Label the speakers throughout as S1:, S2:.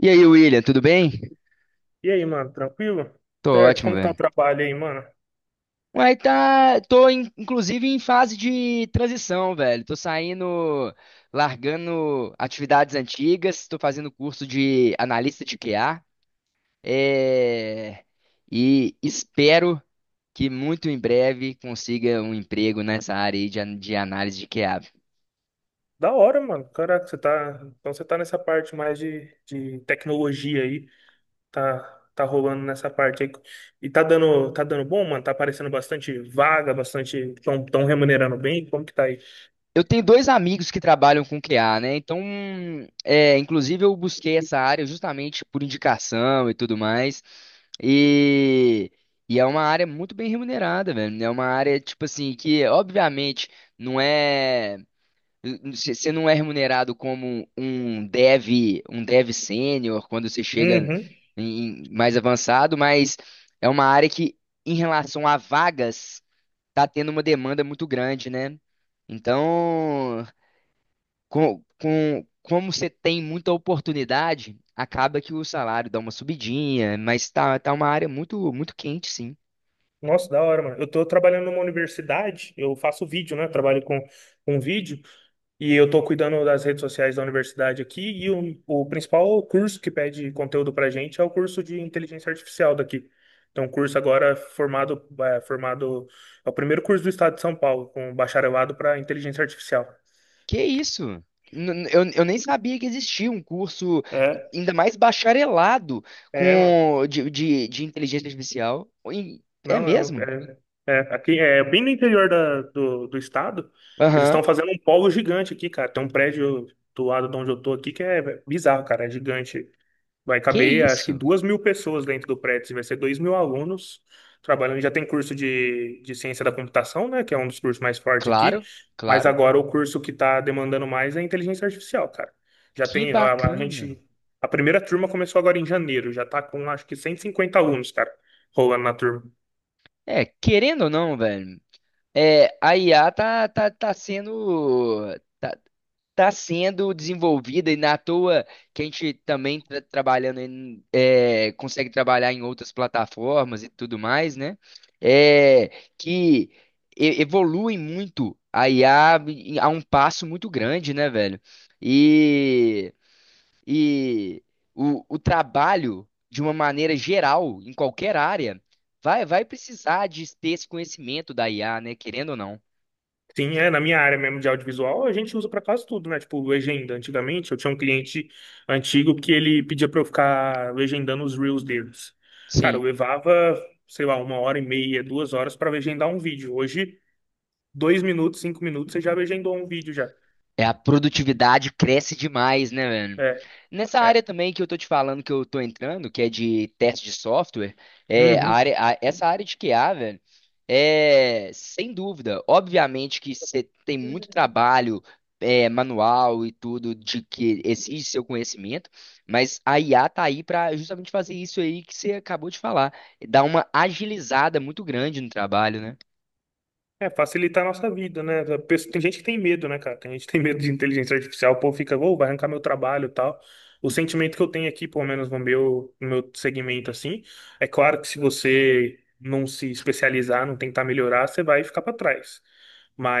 S1: E aí, William, tudo bem?
S2: E aí, mano, tranquilo?
S1: Tô
S2: Certo,
S1: ótimo,
S2: como que tá o
S1: velho.
S2: trabalho aí, mano?
S1: Ué, tá. Inclusive em fase de transição, velho. Tô saindo, largando atividades antigas, tô fazendo curso de analista de QA. é, E espero que muito em breve consiga um emprego nessa área aí de análise de QA.
S2: Da hora, mano. Caraca, você tá. Então você tá nessa parte mais de tecnologia aí. Tá, tá rolando nessa parte aí. E tá dando bom, mano? Tá aparecendo bastante vaga, bastante. Tão remunerando bem. Como que tá aí?
S1: Eu tenho dois amigos que trabalham com QA, né? Então, inclusive eu busquei essa área justamente por indicação e tudo mais. E, e é uma área muito bem remunerada, velho. É uma área, tipo assim, que obviamente não é. Você não é remunerado como um dev sênior quando você chega
S2: Uhum.
S1: mais avançado, mas é uma área que, em relação a vagas, tá tendo uma demanda muito grande, né? Então como você tem muita oportunidade, acaba que o salário dá uma subidinha, mas tá, tá uma área muito, muito quente, sim.
S2: Nossa, da hora, mano. Eu tô trabalhando numa universidade, eu faço vídeo, né? Trabalho com vídeo. E eu estou cuidando das redes sociais da universidade aqui, e o principal curso que pede conteúdo para a gente é o curso de inteligência artificial daqui. Então, um curso agora é formado, é o primeiro curso do estado de São Paulo, com bacharelado para inteligência artificial.
S1: Que isso? Eu nem sabia que existia um curso,
S2: É,
S1: ainda mais bacharelado,
S2: é, mano.
S1: de inteligência artificial. Oi, é
S2: Não, é,
S1: mesmo?
S2: aqui, é bem no interior do estado, eles
S1: Aham.
S2: estão fazendo um polo gigante aqui, cara. Tem um prédio do lado de onde eu tô aqui que é bizarro, cara, é gigante. Vai
S1: Que
S2: caber, acho que
S1: isso?
S2: 2 mil pessoas dentro do prédio, assim, vai ser 2 mil alunos trabalhando. Já tem curso de ciência da computação, né, que é um dos cursos mais fortes aqui,
S1: Claro,
S2: mas
S1: claro.
S2: agora o curso que está demandando mais é inteligência artificial, cara. Já
S1: Que
S2: tem,
S1: bacana.
S2: a primeira turma começou agora em janeiro, já está com acho que 150 alunos, cara, rolando na turma.
S1: É, querendo ou não, velho. É, a IA tá tá sendo desenvolvida e na toa que a gente também tá trabalhando em, é, consegue trabalhar em outras plataformas e tudo mais, né? É, que Evolui muito a IA a um passo muito grande, né, velho? E e o, o trabalho, de uma maneira geral, em qualquer área, vai, vai precisar de ter esse conhecimento da IA, né? Querendo ou não.
S2: Sim, é, na minha área mesmo de audiovisual, a gente usa pra quase tudo, né? Tipo, legenda. Antigamente, eu tinha um cliente antigo que ele pedia pra eu ficar legendando os reels deles. Cara, eu
S1: Sim.
S2: levava, sei lá, uma hora e meia, 2 horas pra legendar um vídeo. Hoje, 2 minutos, 5 minutos, você já legendou um vídeo já.
S1: É, a produtividade cresce demais, né, velho?
S2: É,
S1: Nessa área
S2: é.
S1: também que eu tô te falando que eu tô entrando, que é de teste de software, é a
S2: Uhum.
S1: área, essa área de QA, velho, é sem dúvida. Obviamente que você tem muito trabalho manual e tudo de que exige seu conhecimento, mas a IA tá aí para justamente fazer isso aí que você acabou de falar, dar uma agilizada muito grande no trabalho, né?
S2: É, facilitar a nossa vida, né? Tem gente que tem medo, né, cara? Tem gente que tem medo de inteligência artificial, o povo fica, "Ô, vai arrancar meu trabalho e tal. O sentimento que eu tenho aqui, pelo menos no meu, no meu segmento, assim, é claro que se você não se especializar, não tentar melhorar, você vai ficar para trás.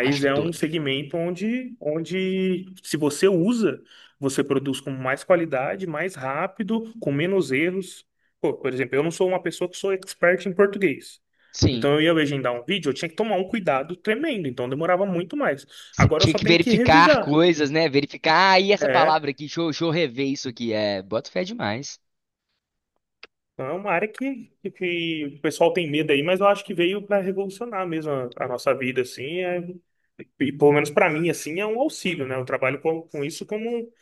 S1: Acho que
S2: é um
S1: todo.
S2: segmento onde, onde se você usa, você produz com mais qualidade, mais rápido, com menos erros. Pô, por exemplo, eu não sou uma pessoa que sou expert em português.
S1: Sim.
S2: Então eu ia legendar um vídeo, eu tinha que tomar um cuidado tremendo, então demorava muito mais.
S1: Você
S2: Agora eu
S1: tinha
S2: só
S1: que
S2: tenho que
S1: verificar
S2: revisar.
S1: coisas, né? Verificar, ah, e essa
S2: É,
S1: palavra aqui, deixa eu rever isso aqui. É, boto fé demais.
S2: então, é uma área que, que o pessoal tem medo aí, mas eu acho que veio para revolucionar mesmo a nossa vida, assim. E pelo menos para mim, assim, é um auxílio, né? Eu trabalho com isso como um,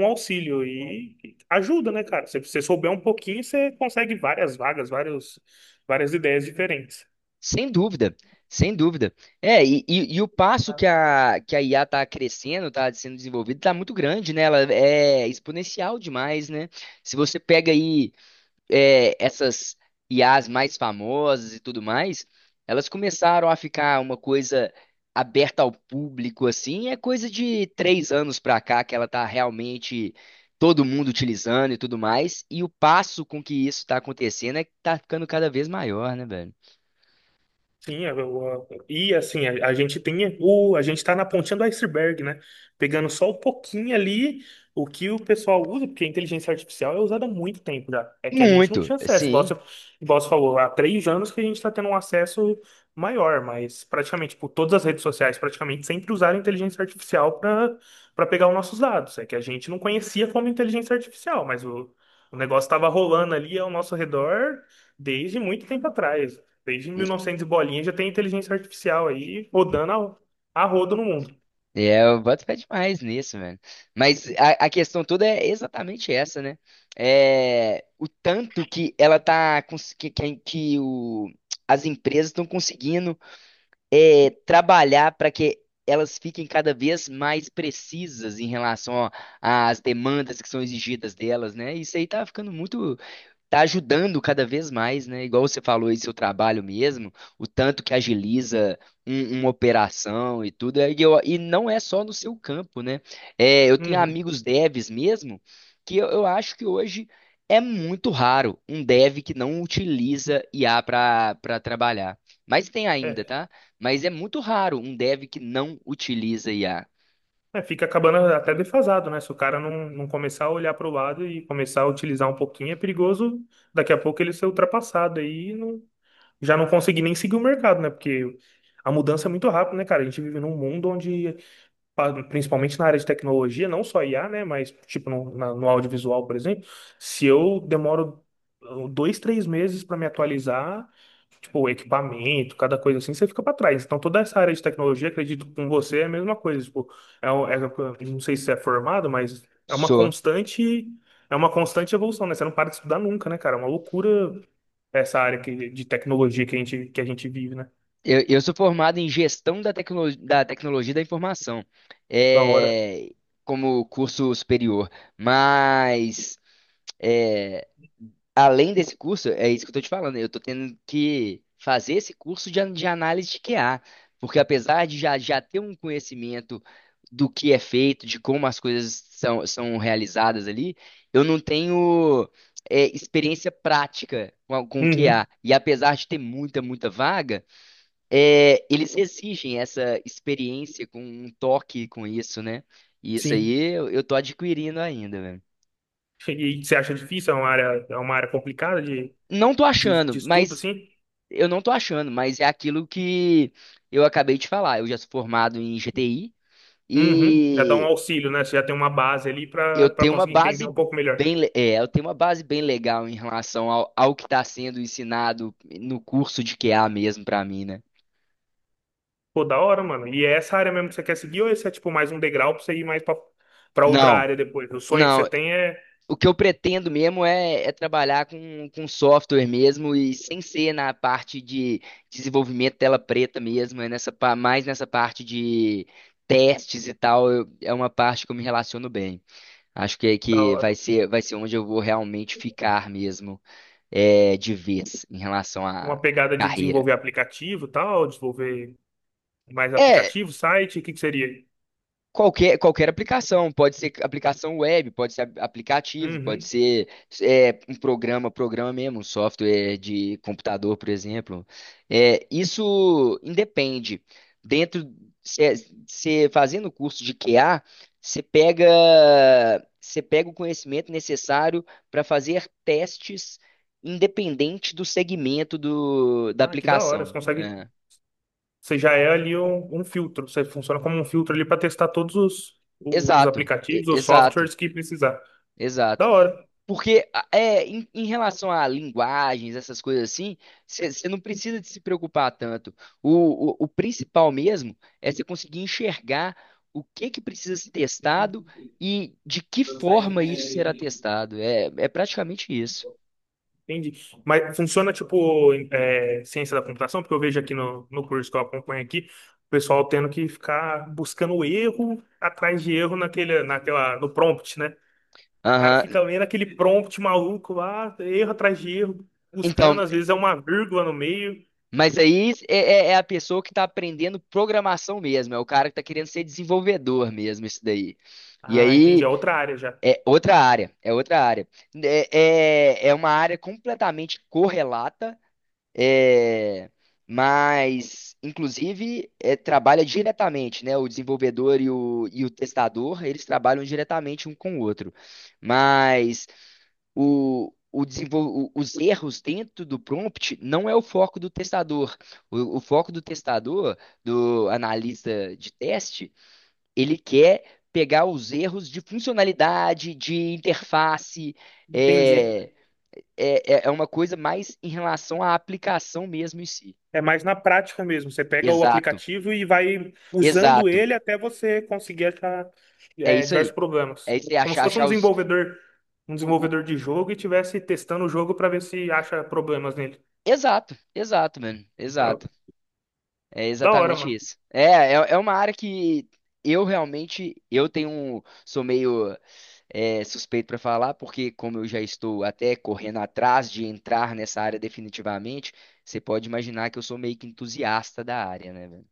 S2: um auxílio e ajuda, né, cara? Se você souber um pouquinho, você consegue várias vagas, vários, várias ideias diferentes.
S1: Sem dúvida, sem dúvida. E o passo que a IA está crescendo, está sendo desenvolvida, está muito grande, né? Ela é exponencial demais, né? Se você pega aí essas IAs mais famosas e tudo mais, elas começaram a ficar uma coisa aberta ao público, assim, é coisa de três anos pra cá que ela tá realmente todo mundo utilizando e tudo mais, e o passo com que isso tá acontecendo é que tá ficando cada vez maior, né, velho?
S2: Sim, e assim, a gente tá na pontinha do iceberg, né? Pegando só um pouquinho ali o que o pessoal usa, porque a inteligência artificial é usada há muito tempo já. É que a gente não
S1: Muito,
S2: tinha acesso, igual
S1: sim.
S2: você, igual você falou, há 3 anos que a gente está tendo um acesso maior, mas praticamente, tipo, todas as redes sociais praticamente sempre usaram inteligência artificial para pegar os nossos dados. É que a gente não conhecia como inteligência artificial, mas o negócio estava rolando ali ao nosso redor desde muito tempo atrás. Desde mil e novecentos e bolinha já tem inteligência artificial aí rodando a rodo no mundo.
S1: Eu boto fé demais nisso, mano. Mas a questão toda é exatamente essa, né? É, o tanto que ela as empresas estão conseguindo trabalhar para que elas fiquem cada vez mais precisas em relação ó, às demandas que são exigidas delas, né? Isso aí tá ficando muito, tá ajudando cada vez mais, né? Igual você falou aí, seu trabalho mesmo, o tanto que agiliza uma operação e tudo. E não é só no seu campo, né? É, eu tenho
S2: Uhum.
S1: amigos devs mesmo, que eu acho que hoje é muito raro um dev que não utiliza IA para trabalhar. Mas tem ainda,
S2: É.
S1: tá? Mas é muito raro um dev que não utiliza IA.
S2: É, fica acabando até defasado, né? Se o cara não começar a olhar para o lado e começar a utilizar um pouquinho, é perigoso daqui a pouco ele ser ultrapassado aí e não, já não conseguir nem seguir o mercado, né? Porque a mudança é muito rápida, né, cara? A gente vive num mundo onde, principalmente na área de tecnologia, não só IA, né? Mas, tipo, no audiovisual, por exemplo, se eu demoro dois, três meses para me atualizar. O equipamento, cada coisa assim, você fica para trás. Então, toda essa área de tecnologia, acredito que com você é a mesma coisa. Tipo, é, um- é- não sei se você é formado, mas é uma constante evolução, né? Você não para de estudar nunca, né, cara? É uma loucura essa área de tecnologia que a gente vive, né?
S1: Eu sou formado em da tecnologia da informação,
S2: Da hora.
S1: é, como curso superior. Mas, é, além desse curso, é isso que eu estou te falando, eu estou tendo que fazer esse curso de análise de QA, porque apesar já ter um conhecimento do que é feito, de como as coisas são realizadas ali, eu não tenho, experiência prática com
S2: Uhum,
S1: QA. E apesar de ter muita, muita vaga. É, eles exigem essa experiência com um toque com isso, né? E isso aí
S2: sim.
S1: eu tô adquirindo ainda, velho.
S2: E você acha difícil? É uma área complicada de,
S1: Não tô
S2: de,
S1: achando,
S2: de estudo,
S1: mas
S2: assim?
S1: eu não tô achando, mas é aquilo que eu acabei de falar. Eu já sou formado em GTI
S2: Uhum. Já dá um
S1: e
S2: auxílio, né? Você já tem uma base ali para
S1: eu
S2: para
S1: tenho uma
S2: conseguir
S1: base
S2: entender um pouco melhor.
S1: eu tenho uma base bem legal em relação ao, ao que está sendo ensinado no curso de QA mesmo pra mim, né?
S2: Pô, da hora, mano. E é essa área mesmo que você quer seguir ou esse é tipo mais um degrau pra você ir mais pra, pra outra
S1: Não.
S2: área depois? O sonho que você
S1: Não,
S2: tem é
S1: o que eu pretendo mesmo é trabalhar com software mesmo e sem ser na parte de desenvolvimento tela preta mesmo, é nessa, mais nessa parte de testes e tal, é uma parte que eu me relaciono bem. Acho que,
S2: da hora.
S1: vai ser onde eu vou realmente ficar mesmo, é, de vez em relação à
S2: Uma pegada de
S1: carreira.
S2: desenvolver aplicativo e tal, desenvolver mais
S1: É,
S2: aplicativo, site, o que que seria, aí?
S1: qualquer, qualquer aplicação, pode ser aplicação web, pode ser aplicativo, pode
S2: Uhum.
S1: ser um programa, programa mesmo, um software de computador, por exemplo. É, isso independe. Dentro, você fazendo o curso de QA, você pega, você pega o conhecimento necessário para fazer testes independente do segmento da
S2: Ah, que da hora.
S1: aplicação.
S2: Você consegue.
S1: É.
S2: Você já é ali um, um filtro. Você funciona como um filtro ali pra testar todos os
S1: Exato,
S2: aplicativos, os
S1: exato.
S2: softwares que precisar.
S1: Exato.
S2: Da hora.
S1: Porque é, em relação a linguagens, essas coisas assim, você não precisa de se preocupar tanto. O principal mesmo é você conseguir enxergar o que que precisa ser testado e de que forma isso será testado. É, é praticamente isso.
S2: Entendi. Mas funciona tipo é, ciência da computação, porque eu vejo aqui no curso que eu acompanho aqui, o pessoal tendo que ficar buscando erro atrás de erro naquele, naquela, no prompt, né? O cara
S1: Aham.
S2: fica lendo aquele prompt maluco lá, erro atrás de erro,
S1: Então,
S2: buscando, às vezes é uma vírgula no meio.
S1: mas aí é a pessoa que está aprendendo programação mesmo, é o cara que está querendo ser desenvolvedor mesmo, isso daí. E
S2: Ah, entendi,
S1: aí
S2: é outra área já.
S1: é outra área, é outra área. É uma área completamente correlata, é, mas, inclusive, é, trabalha diretamente, né? O desenvolvedor e o testador, eles trabalham diretamente um com o outro. Mas os erros dentro do prompt não é o foco do testador. O foco do testador, do analista de teste, ele quer pegar os erros de funcionalidade, de interface,
S2: Entendi.
S1: é, é uma coisa mais em relação à aplicação mesmo em si.
S2: É mais na prática mesmo. Você pega o
S1: Exato,
S2: aplicativo e vai usando
S1: exato.
S2: ele até você conseguir achar
S1: É
S2: é,
S1: isso
S2: diversos
S1: aí.
S2: problemas.
S1: É isso aí,
S2: Como se
S1: achar,
S2: fosse
S1: achar os.
S2: um
S1: o- o-
S2: desenvolvedor de jogo e estivesse testando o jogo para ver se acha problemas nele.
S1: Exato, exato, mano.
S2: Ah,
S1: Exato. É
S2: da hora,
S1: exatamente
S2: mano.
S1: isso. É, é uma área que eu realmente, eu tenho, sou meio suspeito para falar, porque como eu já estou até correndo atrás de entrar nessa área definitivamente, você pode imaginar que eu sou meio que entusiasta da área, né, velho?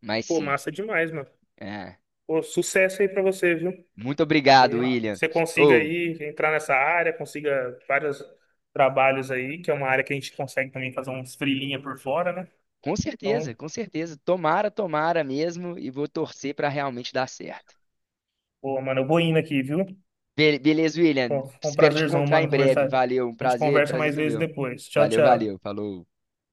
S1: Mas
S2: Pô,
S1: sim.
S2: massa demais, mano.
S1: É.
S2: Pô, sucesso aí para você, viu?
S1: Muito obrigado,
S2: Que
S1: William.
S2: você consiga
S1: Ou,
S2: aí entrar nessa área, consiga vários trabalhos aí, que é uma área que a gente consegue também fazer uns freelinha por fora, né?
S1: com certeza,
S2: Então,
S1: com certeza. Tomara, tomara mesmo e vou torcer para realmente dar certo.
S2: pô, mano, eu vou indo aqui, viu?
S1: Beleza, William.
S2: Pô, foi um
S1: Espero te
S2: prazerzão,
S1: encontrar em
S2: mano,
S1: breve.
S2: conversar.
S1: Valeu, um
S2: A gente
S1: prazer,
S2: conversa
S1: prazer
S2: mais
S1: todo
S2: vezes
S1: meu.
S2: depois. Tchau,
S1: Valeu,
S2: tchau.
S1: valeu. Falou.